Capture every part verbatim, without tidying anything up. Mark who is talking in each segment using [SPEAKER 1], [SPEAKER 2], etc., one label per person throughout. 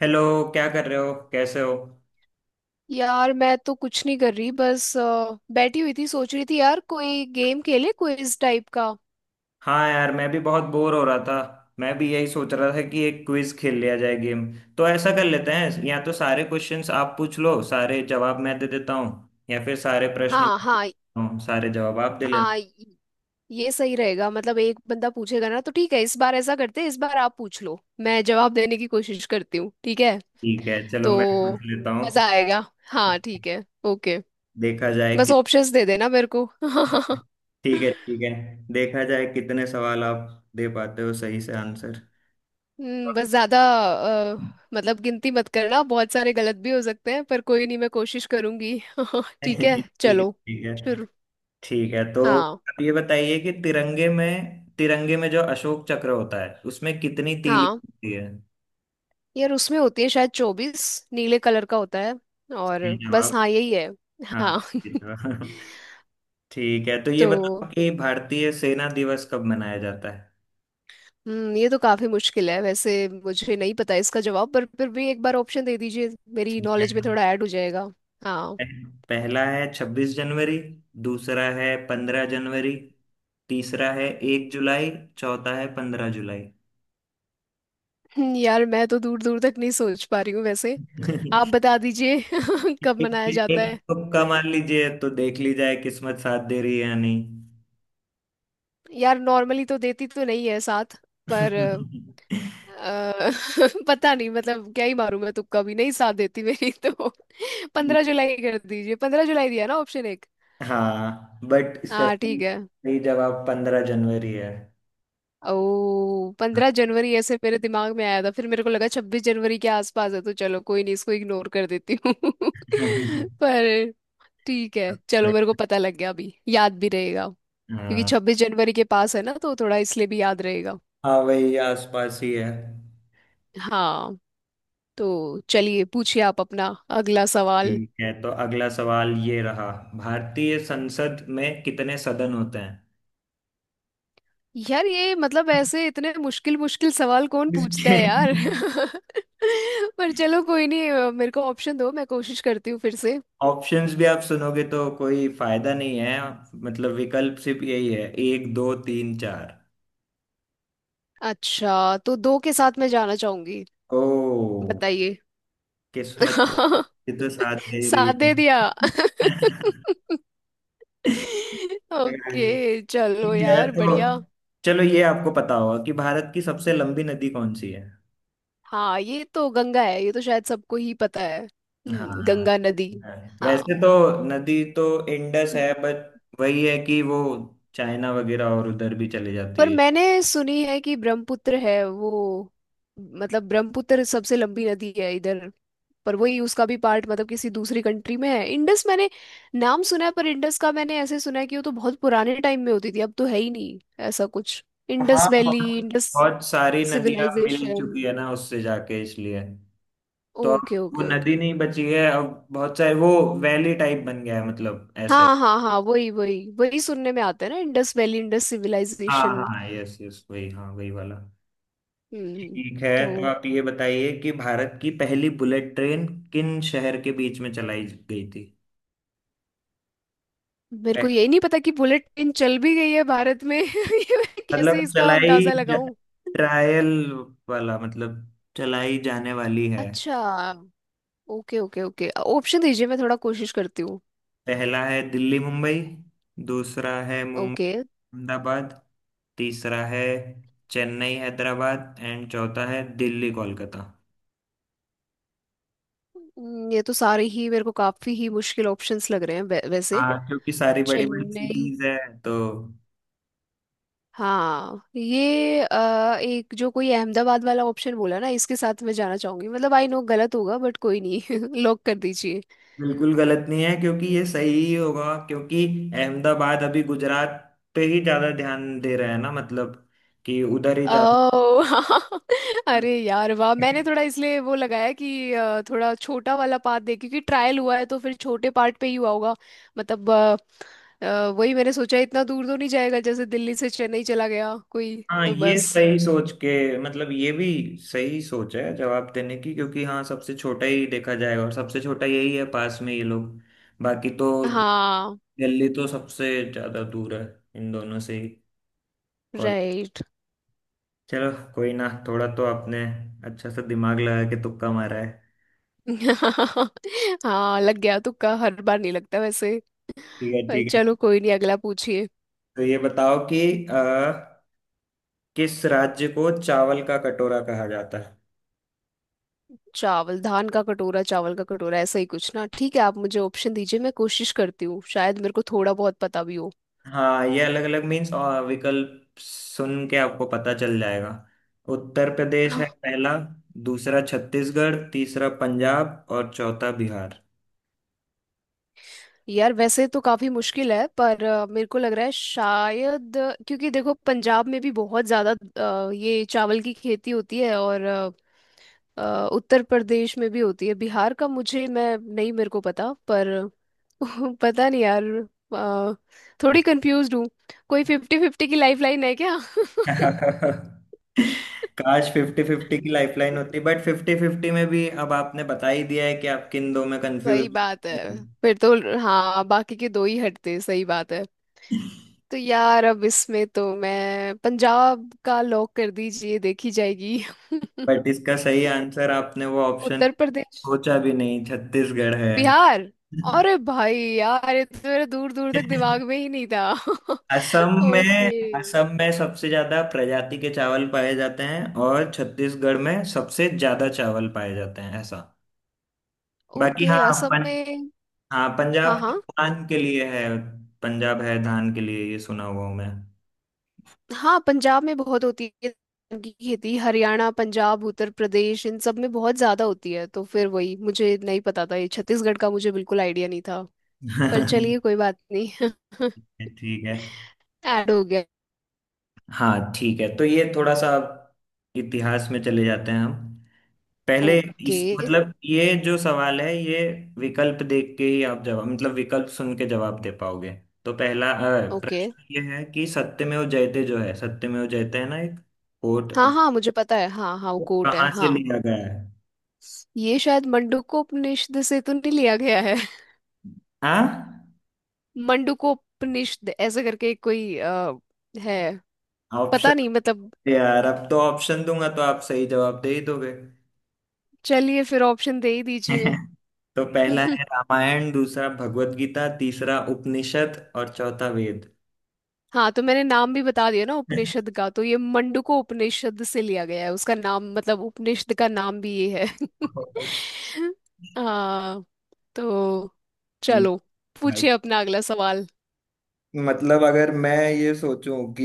[SPEAKER 1] Hello. क्या कर रहे हो, कैसे हो?
[SPEAKER 2] यार, मैं तो कुछ नहीं कर रही, बस अ, बैठी हुई थी। सोच रही थी यार, कोई गेम खेले, क्विज टाइप का।
[SPEAKER 1] हाँ यार, मैं भी बहुत बोर हो रहा था, मैं भी यही सोच रहा था कि एक क्विज खेल लिया जाए, गेम। तो ऐसा कर लेते हैं, या तो सारे क्वेश्चंस आप पूछ लो, सारे जवाब मैं दे देता हूँ, या फिर सारे प्रश्न
[SPEAKER 2] हाँ,
[SPEAKER 1] मैं दे
[SPEAKER 2] हाँ।
[SPEAKER 1] देता हूँ, सारे जवाब आप दे लेना।
[SPEAKER 2] हाँ, ये सही रहेगा। मतलब एक बंदा पूछेगा ना, तो ठीक है। इस बार ऐसा करते हैं, इस बार आप पूछ लो, मैं जवाब देने की कोशिश करती हूँ। ठीक है
[SPEAKER 1] ठीक है, चलो मैं
[SPEAKER 2] तो
[SPEAKER 1] पूछ लेता हूँ।
[SPEAKER 2] मजा आएगा। हाँ, ठीक है, ओके।
[SPEAKER 1] देखा जाए
[SPEAKER 2] बस
[SPEAKER 1] कि
[SPEAKER 2] ऑप्शंस दे देना मेरे को।
[SPEAKER 1] ठीक है, ठीक है। देखा जाए कितने सवाल आप दे पाते हो सही से आंसर।
[SPEAKER 2] हम्म, बस ज्यादा अ, मतलब गिनती मत करना, बहुत सारे गलत भी हो सकते हैं, पर कोई नहीं, मैं कोशिश करूंगी। ठीक है,
[SPEAKER 1] ठीक है,
[SPEAKER 2] चलो
[SPEAKER 1] ठीक है।
[SPEAKER 2] शुरू।
[SPEAKER 1] ठीक है, तो
[SPEAKER 2] हाँ,
[SPEAKER 1] आप ये बताइए कि तिरंगे में तिरंगे में जो अशोक चक्र होता है उसमें कितनी तीली
[SPEAKER 2] हाँ।
[SPEAKER 1] होती है।
[SPEAKER 2] यार, उसमें होती है शायद चौबीस। नीले कलर का होता है। और
[SPEAKER 1] सही
[SPEAKER 2] बस,
[SPEAKER 1] जवाब।
[SPEAKER 2] हाँ, यही है।
[SPEAKER 1] हाँ,
[SPEAKER 2] हाँ।
[SPEAKER 1] सही जवाब। ठीक है, तो ये
[SPEAKER 2] तो
[SPEAKER 1] बताओ कि भारतीय सेना दिवस कब मनाया जाता है।
[SPEAKER 2] हम्म ये तो काफी मुश्किल है वैसे। मुझे नहीं पता इसका जवाब, पर फिर भी एक बार ऑप्शन दे दीजिए, मेरी
[SPEAKER 1] ठीक है।
[SPEAKER 2] नॉलेज में थोड़ा ऐड हो जाएगा। हाँ।
[SPEAKER 1] पह- पहला है छब्बीस जनवरी, दूसरा है पंद्रह जनवरी, तीसरा है एक जुलाई, चौथा है पंद्रह जुलाई।
[SPEAKER 2] हम्म, यार, मैं तो दूर दूर तक नहीं सोच पा रही हूँ वैसे। आप बता दीजिए कब
[SPEAKER 1] एक
[SPEAKER 2] मनाया जाता
[SPEAKER 1] एक
[SPEAKER 2] है।
[SPEAKER 1] तुक्का मार लीजिए, तो देख ली जाए किस्मत साथ दे रही है या नहीं।
[SPEAKER 2] यार, नॉर्मली तो देती तो नहीं है साथ, पर अ, पता नहीं मतलब, क्या ही मारूं, मैं तुक्का भी नहीं, साथ देती मेरी तो। पंद्रह जुलाई कर दीजिए, पंद्रह जुलाई दिया ना ऑप्शन एक।
[SPEAKER 1] हाँ, बट इसका
[SPEAKER 2] हाँ, ठीक
[SPEAKER 1] सही
[SPEAKER 2] है।
[SPEAKER 1] सही जवाब पंद्रह जनवरी है।
[SPEAKER 2] ओ, पंद्रह जनवरी ऐसे मेरे दिमाग में आया था, फिर मेरे को लगा छब्बीस जनवरी के आसपास है, तो चलो कोई नहीं, इसको इग्नोर कर देती हूँ। पर ठीक है, चलो मेरे को पता लग गया, अभी याद भी रहेगा। क्योंकि
[SPEAKER 1] हाँ,
[SPEAKER 2] छब्बीस जनवरी के पास है ना, तो थोड़ा इसलिए भी याद रहेगा।
[SPEAKER 1] हाँ वही आसपास ही है।
[SPEAKER 2] हाँ, तो चलिए पूछिए आप अपना अगला सवाल।
[SPEAKER 1] ठीक है, तो अगला सवाल ये रहा। भारतीय संसद में कितने सदन होते हैं?
[SPEAKER 2] यार, ये मतलब ऐसे इतने मुश्किल मुश्किल सवाल कौन पूछता
[SPEAKER 1] इसके
[SPEAKER 2] है यार। पर चलो कोई नहीं, अ, मेरे को ऑप्शन दो, मैं कोशिश करती हूँ फिर से।
[SPEAKER 1] ऑप्शंस भी आप सुनोगे तो कोई फायदा नहीं है। मतलब विकल्प सिर्फ यही है, एक दो तीन चार।
[SPEAKER 2] अच्छा, तो दो के साथ मैं जाना चाहूंगी।
[SPEAKER 1] ओ
[SPEAKER 2] बताइए।
[SPEAKER 1] किस्मत, ये तो साथ दे रही
[SPEAKER 2] साथ दे दिया।
[SPEAKER 1] है।
[SPEAKER 2] ओके, चलो
[SPEAKER 1] ठीक है,
[SPEAKER 2] यार,
[SPEAKER 1] तो
[SPEAKER 2] बढ़िया।
[SPEAKER 1] चलो ये आपको पता होगा कि भारत की सबसे लंबी नदी कौन सी है।
[SPEAKER 2] हाँ, ये तो गंगा है, ये तो शायद सबको ही पता है।
[SPEAKER 1] हाँ,
[SPEAKER 2] हम्म, गंगा नदी।
[SPEAKER 1] हाँ।
[SPEAKER 2] हाँ।
[SPEAKER 1] वैसे तो नदी तो इंडस है, बट वही है कि वो चाइना वगैरह और उधर भी चली जाती
[SPEAKER 2] पर
[SPEAKER 1] है।
[SPEAKER 2] मैंने सुनी है कि ब्रह्मपुत्र है वो, मतलब ब्रह्मपुत्र सबसे लंबी नदी है इधर। पर वही, उसका भी पार्ट मतलब किसी दूसरी कंट्री में है। इंडस मैंने नाम सुना है, पर इंडस का मैंने ऐसे सुना है कि वो तो बहुत पुराने टाइम में होती थी, अब तो है ही नहीं, ऐसा कुछ।
[SPEAKER 1] हाँ,
[SPEAKER 2] इंडस वैली,
[SPEAKER 1] बहुत
[SPEAKER 2] इंडस
[SPEAKER 1] बहुत सारी नदियां मिल चुकी
[SPEAKER 2] सिविलाइजेशन।
[SPEAKER 1] है ना उससे जाके, इसलिए तो अब
[SPEAKER 2] ओके,
[SPEAKER 1] वो
[SPEAKER 2] ओके,
[SPEAKER 1] नदी
[SPEAKER 2] ओके।
[SPEAKER 1] नहीं बची है। अब बहुत सारे वो वैली टाइप बन गया है, मतलब ऐसा ही।
[SPEAKER 2] हाँ, हाँ, हाँ, वही वही वही सुनने में आता है ना, इंडस वैली, इंडस
[SPEAKER 1] हाँ
[SPEAKER 2] सिविलाइजेशन।
[SPEAKER 1] हाँ, यस यस, वही, हाँ वही वाला।
[SPEAKER 2] हम्म।
[SPEAKER 1] ठीक है,
[SPEAKER 2] तो
[SPEAKER 1] तो आप ये बताइए कि भारत की पहली बुलेट ट्रेन किन शहर के बीच में चलाई गई थी।
[SPEAKER 2] मेरे को
[SPEAKER 1] पह-
[SPEAKER 2] यही नहीं पता कि बुलेट ट्रेन चल भी गई है भारत में। ये मैं कैसे
[SPEAKER 1] मतलब
[SPEAKER 2] इसका
[SPEAKER 1] चलाई
[SPEAKER 2] अंदाजा
[SPEAKER 1] ज-
[SPEAKER 2] लगाऊं।
[SPEAKER 1] ट्रायल वाला, मतलब चलाई जाने वाली है।
[SPEAKER 2] अच्छा, ओके ओके ओके, ऑप्शन दीजिए, मैं थोड़ा कोशिश करती हूँ।
[SPEAKER 1] पहला है दिल्ली मुंबई, दूसरा है
[SPEAKER 2] ओके।
[SPEAKER 1] मुंबई अहमदाबाद, तीसरा है चेन्नई हैदराबाद एंड चौथा है दिल्ली कोलकाता।
[SPEAKER 2] हम्म, ये तो सारे ही मेरे को काफी ही मुश्किल ऑप्शंस लग रहे हैं वै- वैसे।
[SPEAKER 1] हाँ, क्योंकि सारी बड़ी बड़ी
[SPEAKER 2] चेन्नई।
[SPEAKER 1] सिटीज है तो।
[SPEAKER 2] हाँ, ये अ, एक जो कोई अहमदाबाद वाला ऑप्शन बोला ना, इसके साथ मैं जाना चाहूंगी। मतलब, आई नो गलत होगा बट, कोई नहीं। लॉक कर दीजिए।
[SPEAKER 1] बिल्कुल गलत नहीं है, क्योंकि ये सही ही होगा, क्योंकि अहमदाबाद अभी गुजरात पे ही ज्यादा ध्यान दे रहा है ना, मतलब कि उधर ही ज्यादा।
[SPEAKER 2] ओह। हाँ। अरे यार, वाह, मैंने थोड़ा इसलिए वो लगाया कि अ, थोड़ा छोटा वाला पार्ट दे, क्योंकि ट्रायल हुआ है तो फिर छोटे पार्ट पे ही हुआ होगा। मतलब अ, अ, वही मैंने सोचा, इतना दूर तो नहीं जाएगा, जैसे दिल्ली से चेन्नई चला गया कोई।
[SPEAKER 1] हाँ,
[SPEAKER 2] तो
[SPEAKER 1] ये
[SPEAKER 2] बस।
[SPEAKER 1] सही सोच के, मतलब ये भी सही सोच है जवाब देने की, क्योंकि हाँ, सबसे छोटा ही देखा जाएगा और सबसे छोटा यही है, पास में ये लोग। बाकी तो
[SPEAKER 2] हाँ।
[SPEAKER 1] दिल्ली तो सबसे ज्यादा दूर है इन दोनों से ही। Call,
[SPEAKER 2] right.
[SPEAKER 1] चलो कोई ना, थोड़ा तो आपने अच्छा सा दिमाग लगा के तुक्का मारा है।
[SPEAKER 2] हाँ, लग गया तुक्का, हर बार नहीं लगता वैसे।
[SPEAKER 1] ठीक है,
[SPEAKER 2] पर
[SPEAKER 1] ठीक है।
[SPEAKER 2] चलो कोई नहीं, अगला पूछिए।
[SPEAKER 1] तो ये बताओ कि अ, किस राज्य को चावल का कटोरा कहा जाता है?
[SPEAKER 2] चावल, धान का कटोरा, चावल का कटोरा, ऐसा ही कुछ ना। ठीक है, आप मुझे ऑप्शन दीजिए, मैं कोशिश करती हूँ, शायद मेरे को थोड़ा बहुत पता भी हो।
[SPEAKER 1] हाँ, ये अलग अलग मीन्स, और विकल्प सुन के आपको पता चल जाएगा। उत्तर प्रदेश है पहला, दूसरा छत्तीसगढ़, तीसरा पंजाब और चौथा बिहार।
[SPEAKER 2] यार, वैसे तो काफी मुश्किल है, पर अ, मेरे को लग रहा है शायद, अ, क्योंकि देखो पंजाब में भी बहुत ज्यादा अ, ये चावल की खेती होती है, और अ, अ, उत्तर प्रदेश में भी होती है। बिहार का मुझे, मैं नहीं मेरे को पता। पर पता नहीं यार। अ, थोड़ी कंफ्यूज हूँ। कोई फिफ्टी फिफ्टी की लाइफ लाइन है क्या?
[SPEAKER 1] काश फिफ्टी फिफ्टी की लाइफलाइन होती, बट फिफ्टी फिफ्टी में भी अब आपने बता ही दिया है कि आप किन दो में
[SPEAKER 2] सही
[SPEAKER 1] कंफ्यूज।
[SPEAKER 2] बात है। फिर तो हाँ, बाकी के दो ही हटते, सही बात है। तो यार, अब इसमें तो मैं पंजाब का, लॉक कर दीजिए, देखी जाएगी।
[SPEAKER 1] बट इसका सही आंसर आपने वो ऑप्शन
[SPEAKER 2] उत्तर प्रदेश,
[SPEAKER 1] सोचा भी नहीं, छत्तीसगढ़ है।
[SPEAKER 2] बिहार। अरे भाई, यार ये तो मेरा दूर दूर तक दिमाग में ही नहीं था।
[SPEAKER 1] असम
[SPEAKER 2] ओके,
[SPEAKER 1] में, असम में सबसे ज्यादा प्रजाति के चावल पाए जाते हैं और छत्तीसगढ़ में सबसे ज्यादा चावल पाए जाते हैं, ऐसा। बाकी
[SPEAKER 2] ओके,
[SPEAKER 1] हाँ,
[SPEAKER 2] असम
[SPEAKER 1] पन,
[SPEAKER 2] में।
[SPEAKER 1] हाँ
[SPEAKER 2] हाँ,
[SPEAKER 1] पंजाब की
[SPEAKER 2] हाँ,
[SPEAKER 1] धान के लिए है। पंजाब है धान के लिए, ये सुना हुआ हूँ मैं।
[SPEAKER 2] हाँ, पंजाब में बहुत होती है धान की खेती, हरियाणा, पंजाब, उत्तर प्रदेश, इन सब में बहुत ज्यादा होती है। तो फिर वही, मुझे नहीं पता था, ये छत्तीसगढ़ का मुझे बिल्कुल आइडिया नहीं था। पर चलिए कोई बात नहीं।
[SPEAKER 1] ठीक है।
[SPEAKER 2] ऐड हो गया।
[SPEAKER 1] हाँ ठीक है, तो ये थोड़ा सा इतिहास में चले जाते हैं हम। पहले
[SPEAKER 2] ओके,
[SPEAKER 1] इस, मतलब ये जो सवाल है, ये विकल्प देख के ही आप जवाब, मतलब विकल्प सुन के जवाब दे पाओगे। तो पहला अ,
[SPEAKER 2] ओके।
[SPEAKER 1] प्रश्न ये है कि सत्यमेव जयते जो है, सत्यमेव जयते है ना, एक कोट,
[SPEAKER 2] हाँ,
[SPEAKER 1] अब
[SPEAKER 2] हाँ, मुझे पता है, हाँ, हाँ, वो
[SPEAKER 1] वो
[SPEAKER 2] कोट है,
[SPEAKER 1] कहाँ से
[SPEAKER 2] हाँ।
[SPEAKER 1] लिया गया है।
[SPEAKER 2] ये शायद मंडूकोपनिषद से तो नहीं लिया गया है?
[SPEAKER 1] हाँ,
[SPEAKER 2] मंडूकोपनिषद ऐसे करके कोई आ, है। पता नहीं
[SPEAKER 1] ऑप्शन।
[SPEAKER 2] मतलब।
[SPEAKER 1] यार अब तो ऑप्शन दूंगा तो आप सही जवाब दे ही दोगे।
[SPEAKER 2] चलिए फिर ऑप्शन दे ही दीजिए।
[SPEAKER 1] तो पहला है रामायण, दूसरा भगवत गीता, तीसरा उपनिषद और चौथा वेद।
[SPEAKER 2] हाँ, तो मैंने नाम भी बता दिया ना उपनिषद का। तो ये मंडूको उपनिषद से लिया गया है, उसका नाम, मतलब उपनिषद का नाम भी ये है। हाँ। तो चलो,
[SPEAKER 1] भाई,
[SPEAKER 2] पूछिए अपना अगला सवाल।
[SPEAKER 1] मतलब अगर मैं ये सोचूं कि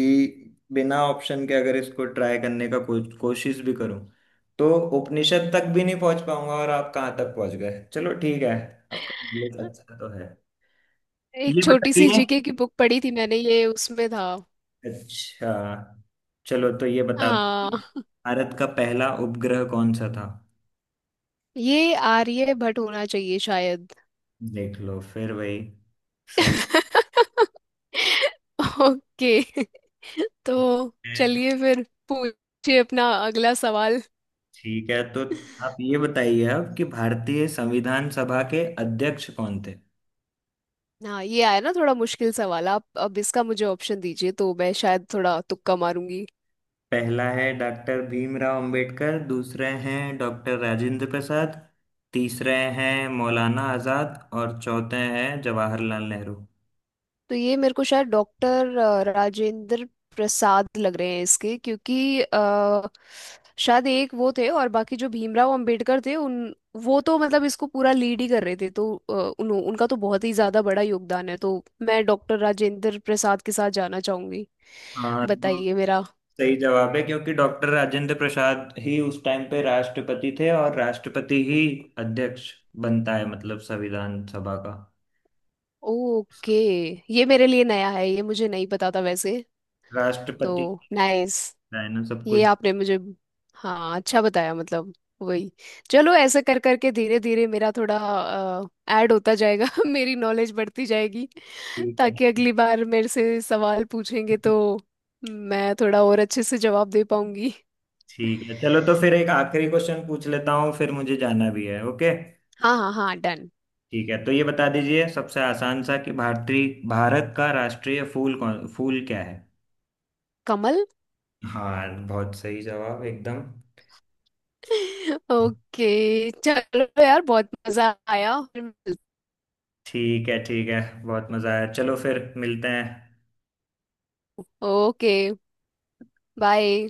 [SPEAKER 1] बिना ऑप्शन के अगर इसको ट्राई करने का को, कोशिश भी करूं, तो उपनिषद तक भी नहीं पहुंच पाऊंगा, और आप कहाँ तक पहुंच गए। चलो ठीक है, आपका नॉलेज अच्छा तो है।
[SPEAKER 2] एक
[SPEAKER 1] ये
[SPEAKER 2] छोटी सी
[SPEAKER 1] बताइए,
[SPEAKER 2] जीके की बुक पढ़ी थी मैंने, ये उसमें था।
[SPEAKER 1] अच्छा चलो, तो ये बता दो कि
[SPEAKER 2] हाँ,
[SPEAKER 1] भारत का पहला उपग्रह कौन सा था।
[SPEAKER 2] ये आर्य भट्ट होना चाहिए शायद।
[SPEAKER 1] देख लो, फिर वही सही
[SPEAKER 2] ओके। तो
[SPEAKER 1] है तो।
[SPEAKER 2] चलिए फिर, पूछिए अपना अगला सवाल।
[SPEAKER 1] ठीक है, तो आप ये बताइए अब कि भारतीय संविधान सभा के अध्यक्ष कौन थे।
[SPEAKER 2] हाँ, ये आया ना थोड़ा मुश्किल सवाल आप अब। इसका मुझे ऑप्शन दीजिए, तो मैं शायद थोड़ा तुक्का मारूंगी।
[SPEAKER 1] पहला है डॉक्टर भीमराव अंबेडकर, दूसरे हैं डॉक्टर राजेंद्र प्रसाद, तीसरे हैं मौलाना आजाद और चौथे हैं जवाहरलाल नेहरू।
[SPEAKER 2] तो ये मेरे को शायद डॉक्टर राजेंद्र प्रसाद लग रहे हैं इसके, क्योंकि अ, शायद एक वो थे, और बाकी जो भीमराव अंबेडकर थे, उन वो तो मतलब इसको पूरा लीड ही कर रहे थे। तो अ, उन, उनका तो बहुत ही ज़्यादा बड़ा योगदान है। तो मैं डॉक्टर राजेंद्र प्रसाद के साथ जाना चाहूंगी।
[SPEAKER 1] हाँ, तो
[SPEAKER 2] बताइए मेरा।
[SPEAKER 1] सही जवाब है, क्योंकि डॉक्टर राजेंद्र प्रसाद ही उस टाइम पे राष्ट्रपति थे, और राष्ट्रपति ही अध्यक्ष बनता है, मतलब संविधान सभा का।
[SPEAKER 2] ओके। ये मेरे लिए नया है, ये मुझे नहीं पता था वैसे।
[SPEAKER 1] राष्ट्रपति
[SPEAKER 2] तो नाइस।
[SPEAKER 1] है ना सब
[SPEAKER 2] ये
[SPEAKER 1] कुछ।
[SPEAKER 2] आपने मुझे, हाँ, अच्छा बताया। मतलब वही। चलो, ऐसे कर करके धीरे धीरे मेरा थोड़ा ऐड होता जाएगा। मेरी नॉलेज बढ़ती जाएगी,
[SPEAKER 1] ठीक
[SPEAKER 2] ताकि
[SPEAKER 1] है,
[SPEAKER 2] अगली बार मेरे से सवाल पूछेंगे तो मैं थोड़ा और अच्छे से जवाब दे पाऊंगी।
[SPEAKER 1] ठीक है, चलो, तो फिर एक आखिरी क्वेश्चन पूछ लेता हूँ, फिर मुझे जाना भी है। ओके,
[SPEAKER 2] हाँ, हाँ, हाँ, डन।
[SPEAKER 1] ठीक है, तो ये बता दीजिए सबसे आसान सा कि भारतीय भारत का राष्ट्रीय फूल कौन फूल क्या है?
[SPEAKER 2] कमल।
[SPEAKER 1] हाँ हाँ, बहुत सही जवाब एकदम।
[SPEAKER 2] ओके, चलो यार, बहुत मजा आया, फिर मिलते-।
[SPEAKER 1] ठीक है, ठीक है, बहुत मजा आया, चलो फिर मिलते हैं।
[SPEAKER 2] Okay, bye.